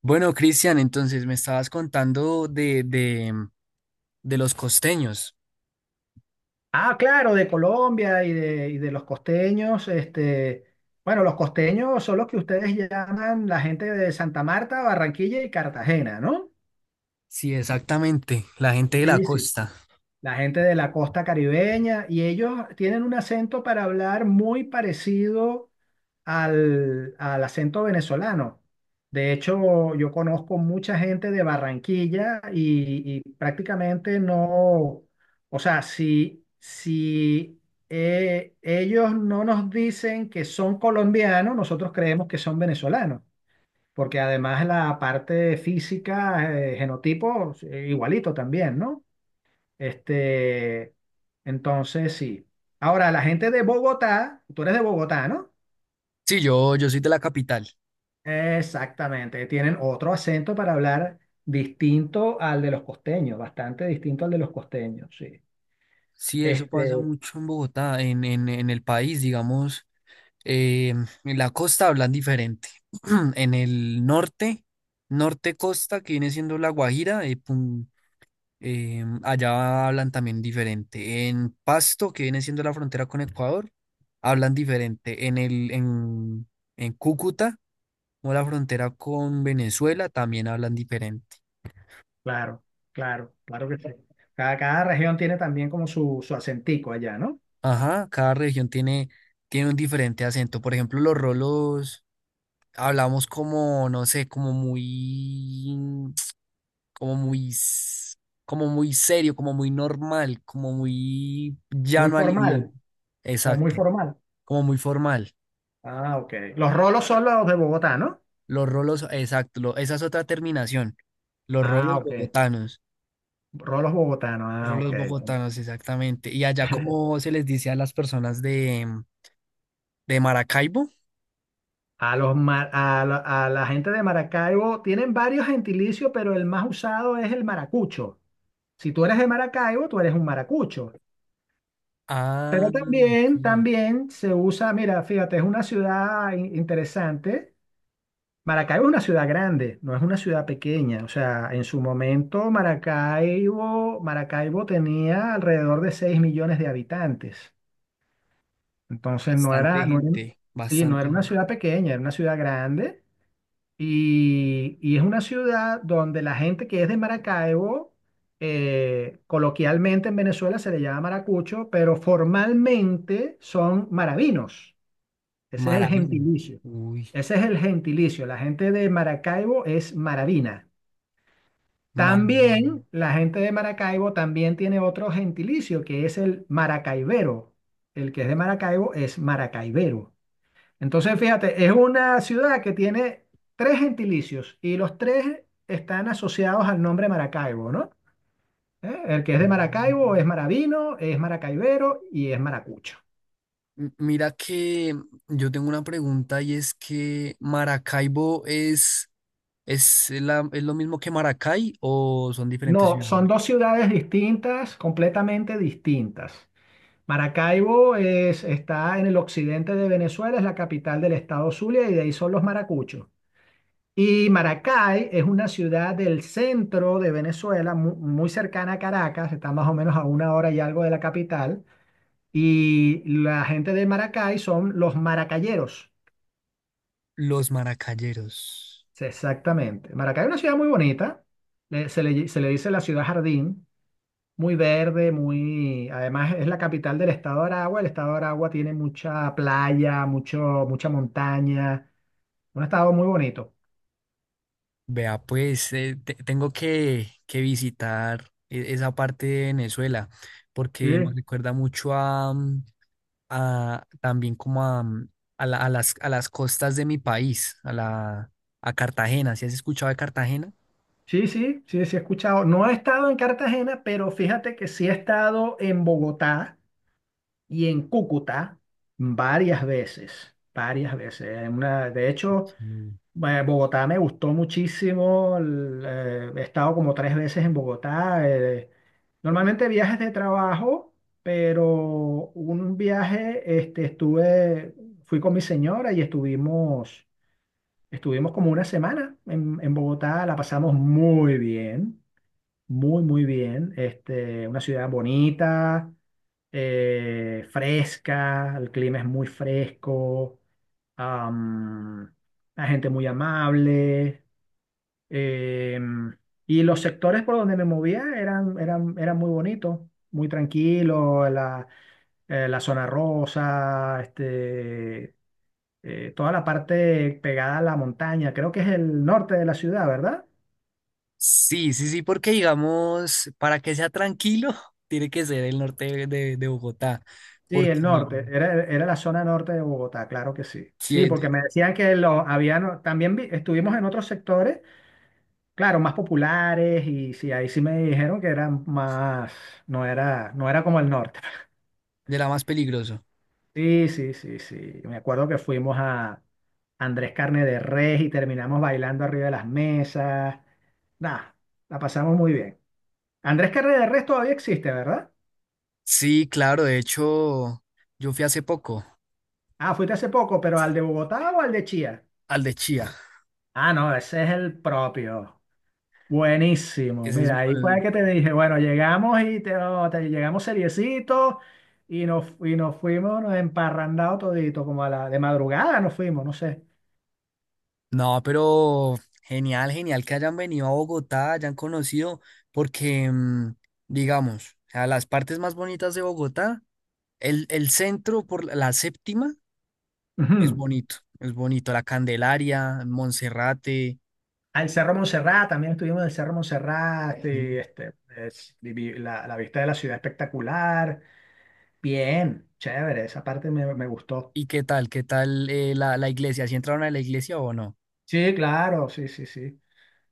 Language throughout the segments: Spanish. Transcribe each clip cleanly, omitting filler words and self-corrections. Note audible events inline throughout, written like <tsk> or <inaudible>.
Bueno, Cristian, entonces me estabas contando de los costeños. Ah, claro, de Colombia y de los costeños, este, bueno, los costeños son los que ustedes llaman la gente de Santa Marta, Barranquilla y Cartagena, ¿no? Sí, exactamente, la gente de la Sí, sí, costa. la gente de la costa caribeña, y ellos tienen un acento para hablar muy parecido al acento venezolano. De hecho, yo conozco mucha gente de Barranquilla y prácticamente no, o sea, si, ellos no nos dicen que son colombianos, nosotros creemos que son venezolanos, porque además la parte física, genotipo, igualito también, ¿no? Este, entonces sí. Ahora, la gente de Bogotá, tú eres de Bogotá, ¿no? Sí, yo soy de la capital. Exactamente, tienen otro acento para hablar distinto al de los costeños, bastante distinto al de los costeños, sí. Sí, eso pasa Este, mucho en Bogotá, en el país, digamos. eh, en la costa hablan diferente. <clears throat> En el norte, norte costa, que viene siendo La Guajira, Allá hablan también diferente. En Pasto, que viene siendo la frontera con Ecuador, hablan diferente. En Cúcuta, o la frontera con Venezuela, también hablan diferente. claro, claro, claro que sí. Cada región tiene también como su acentico allá, ¿no? Ajá, tiene un diferente acento. Por ejemplo, los rolos hablamos como, no sé, como muy, <tsk> como muy, s- como muy serio, como muy normal, como muy Muy llano al idioma. formal, o muy Exacto, formal. como muy formal. Ah, ok. Los rolos son los de Bogotá, ¿no? Los rolos, exacto, esa es otra terminación. Los Ah, rolos ok. bogotanos. Rolos bogotanos, ah, ok. Rolos bogotanos, exactamente. ¿Y allá cómo se les dice a las personas de Maracaibo? A los mar- a la gente de Maracaibo tienen varios gentilicios, pero el más usado es el maracucho. Si tú eres de Maracaibo, tú eres un maracucho. Pero Ah, también, ok. también se usa, mira, fíjate, es una ciudad interesante. Maracaibo es una ciudad grande, no es una ciudad pequeña. O sea, en su momento Maracaibo tenía alrededor de 6 millones de habitantes. Entonces no Bastante era, no era, gente, sí, no bastante era una gente. ciudad pequeña, era una ciudad grande. Y es una ciudad donde la gente que es de Maracaibo, coloquialmente en Venezuela se le llama maracucho, pero formalmente son maravinos. Ese es el Maravillos. gentilicio. Uy, Ese es el gentilicio. La gente de Maracaibo es maravina. También maravilloso. la gente de Maracaibo también tiene otro gentilicio que es el maracaibero. El que es de Maracaibo es maracaibero. Entonces, fíjate, es una ciudad que tiene tres gentilicios y los tres están asociados al nombre Maracaibo, ¿no? ¿Eh? El que es de Maracaibo es Maravino, es Maracaibero y es Maracucho. Mira que yo tengo una pregunta y es que Maracaibo es, ¿es lo mismo que Maracay o son diferentes No, ciudades? son dos ciudades distintas, completamente distintas. Maracaibo es, está en el occidente de Venezuela, es la capital del estado Zulia y de ahí son los Maracuchos. Y Maracay es una ciudad del centro de Venezuela, muy cercana a Caracas, está más o menos a una hora y algo de la capital. Y la gente de Maracay son los maracayeros. Los maracayeros. Sí, exactamente. Maracay es una ciudad muy bonita, se le dice la ciudad jardín, muy verde, muy... Además es la capital del estado de Aragua, el estado de Aragua tiene mucha playa, mucho, mucha montaña, un estado muy bonito. Vea, pues tengo que visitar esa parte de Venezuela Sí. porque me recuerda mucho a también como a a las costas de mi país, a Cartagena. ¿Sí has escuchado de Cartagena? Sí, sí, sí, sí he escuchado. No he estado en Cartagena, pero fíjate que sí he estado en Bogotá y en Cúcuta varias veces, varias veces. De hecho, Sí. Bogotá me gustó muchísimo. He estado como tres veces en Bogotá. Eh, normalmente viajes de trabajo, pero un viaje, este, estuve, fui con mi señora y estuvimos, estuvimos como una semana en Bogotá. La pasamos muy bien. Muy, muy bien. Este, una ciudad bonita, fresca, el clima es muy fresco, am, la gente muy amable. em, y los sectores por donde me movía eran muy bonitos, muy tranquilos, la, la zona rosa, este, toda la parte pegada a la montaña. Creo que es el norte de la ciudad, ¿verdad? Sí, sí, sí, porque digamos, para que sea tranquilo, <laughs> tiene que ser el norte de Bogotá, Sí, porque el norte, era la zona norte de Bogotá, claro que sí. sí, Sí, es porque me decían que lo habían, también estuvimos en otros sectores, claro, más populares y sí, ahí sí me dijeron que eran más, no era como el norte. <laughs> de la más peligroso. Sí, sí, sí, sí. Me acuerdo que fuimos a Andrés Carne de Res y terminamos bailando arriba de las mesas. Nada, la pasamos muy bien. Andrés Carne de Res todavía existe, ¿verdad? Sí, claro, de hecho, yo fui hace poco Ah, fuiste hace poco, pero ¿al de Bogotá o al de Chía? al de Chía. Ah, no, ese es el propio. Buenísimo. Ese es, Mira, ahí fue que te dije, bueno, llegamos y llegamos seriecitos y nos fuimos nos emparrandados todito, como a la de madrugada nos fuimos, no sé. no, pero genial, genial que hayan venido a Bogotá, hayan conocido, porque, mm, digamos, o sea, las partes más bonitas de Bogotá, el centro por la séptima Ujú. Es bonito, la Candelaria, Monserrate. Al Cerro Montserrat, también estuvimos en el Cerro Montserrat, y, Sí. este, la vista de la ciudad espectacular. Bien, chévere, esa parte me gustó. ¿Y qué tal? ¿Qué tal la, la iglesia? ¿Si entraron a la iglesia o no? Sí, claro, sí, sí, sí.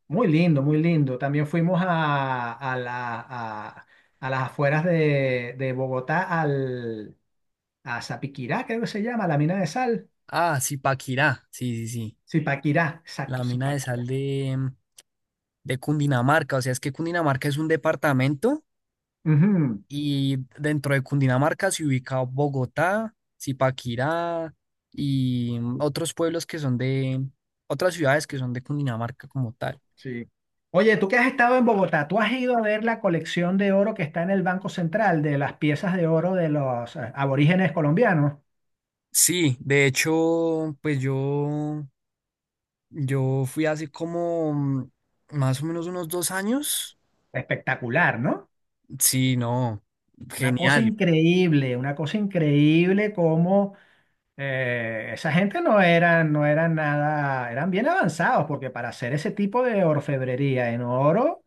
Muy lindo, muy lindo. También fuimos a las afueras de Bogotá, a Zapiquirá, creo que se llama, la mina de sal. Ah, sí, Paquirá, sí, sí, sí, Zipaquirá, exacto, la mina de Zipaquirá. sal de, de Cundinamarca. O sea, es que Cundinamarca es un departamento. Ujú, Y dentro de Cundinamarca se ubica Bogotá, Zipaquirá y otros pueblos que son de otras ciudades que son de Cundinamarca como tal. sí. Oye, tú que has estado en Bogotá, ¿tú has ido a ver la colección de oro que está en el Banco Central de las piezas de oro de los aborígenes colombianos? Sí, de hecho, pues yo fui hace como más o menos unos 2 años. Espectacular, ¿no? Sí, no, genial. Una cosa increíble como eh, esa gente no era, no eran nada, eran bien avanzados, porque para hacer ese tipo de orfebrería en oro,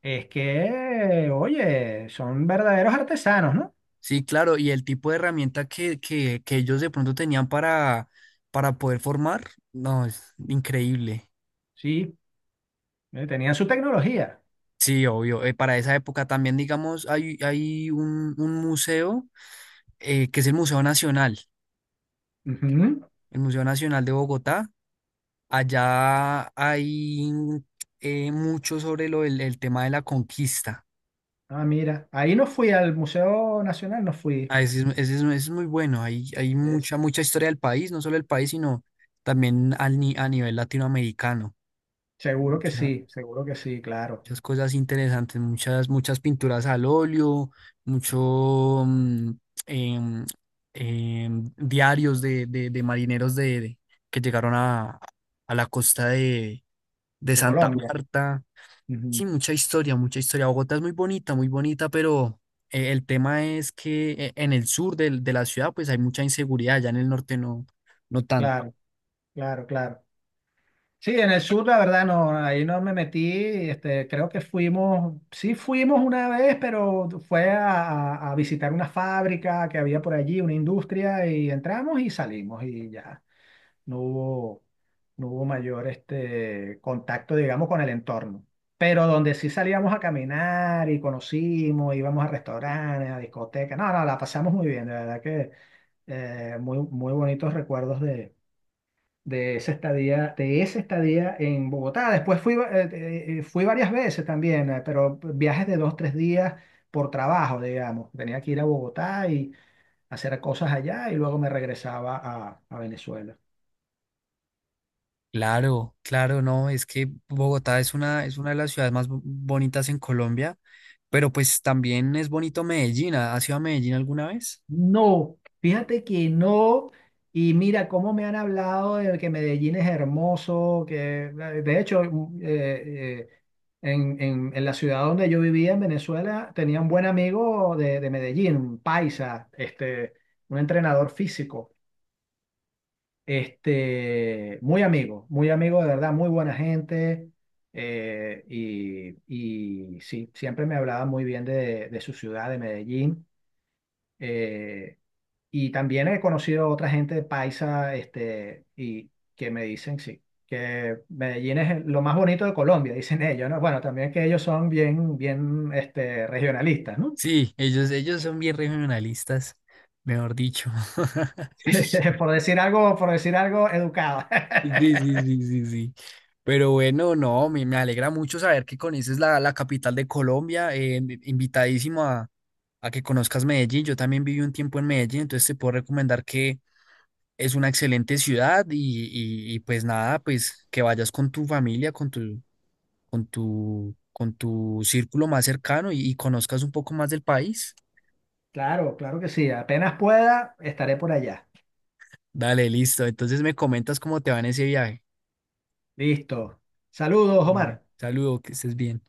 es que, oye, son verdaderos artesanos, ¿no? Sí, claro, y el tipo de herramienta que ellos de pronto tenían para poder formar, no, es increíble. Sí, tenían su tecnología. Sí, obvio. Para esa época también, digamos, hay un museo que es Ujú. el Museo Nacional de Bogotá. Allá hay mucho sobre tema de la conquista. Ah, mira, ahí no fui al Museo Nacional, no fui. Ah, ese es, ese es muy bueno. Hay Sí, sí. mucha, mucha historia del país, no solo del país, sino también al, ni- a nivel latinoamericano. Seguro que sí, seguro que sí, claro. Muchas cosas interesantes, muchas, muchas pinturas al óleo, mucho em, diarios de marineros que llegaron a la costa de De Santa Colombia. Marta. Ujú. Sí, mucha historia, mucha historia. Bogotá es muy bonita, pero el tema es que en el sur de la ciudad pues hay mucha inseguridad, ya en el norte no, no tanto. Claro, claro, claro. Sí, en el sur la verdad no, ahí no me metí, este, creo que fuimos, sí fuimos una vez, pero fue a visitar una fábrica que había por allí, una industria, y entramos y salimos y ya, no hubo, no hubo mayor este, contacto, digamos, con el entorno. Pero donde sí salíamos a caminar y conocimos, íbamos a restaurantes, a discotecas, no, no, la pasamos muy bien, de verdad que muy, muy bonitos recuerdos de esa estadía en Bogotá. Después fui, fui varias veces también, pero viajes de dos, tres días por trabajo, digamos. Tenía que ir a Bogotá y hacer cosas allá y luego me regresaba a Venezuela. Claro, claro, no, es que Bogotá es una de las ciudades más bonitas en Colombia, pero pues también es bonito Medellín. Has ido a Medellín alguna vez? No, fíjate que no. Y mira cómo me han hablado de que Medellín es hermoso, que de hecho eh, en la ciudad donde yo vivía en Venezuela tenía un buen amigo de Medellín, un paisa, este, un entrenador físico, este, muy amigo de verdad, muy buena gente. eh, y, y sí, siempre me hablaba muy bien de su ciudad, de Medellín. eh, y también he conocido otra gente paisa, este, y que me dicen, sí, que Medellín es lo más bonito de Colombia, <laughs> dicen ellos, ¿no? Bueno, también que ellos son bien, bien, este, regionalistas, ¿no? Sí, ellos son bien regionalistas, mejor dicho. <laughs> <laughs> Por decir algo educado. Sí, sí, <laughs> sí, sí, sí. Pero bueno, no, me alegra mucho saber que conoces la, la capital de Colombia. Invitadísimo a que conozcas Medellín. Yo también viví un tiempo en Medellín, entonces te puedo recomendar que es una excelente ciudad pues nada, pues que vayas con tu familia, con tu círculo más cercano y conozcas un poco más del país. Claro, claro que sí. Apenas pueda, estaré por allá. Dale, listo. Entonces me comentas cómo te va en ese viaje. Listo. Saludos, Dale, Omar. saludo, que estés bien.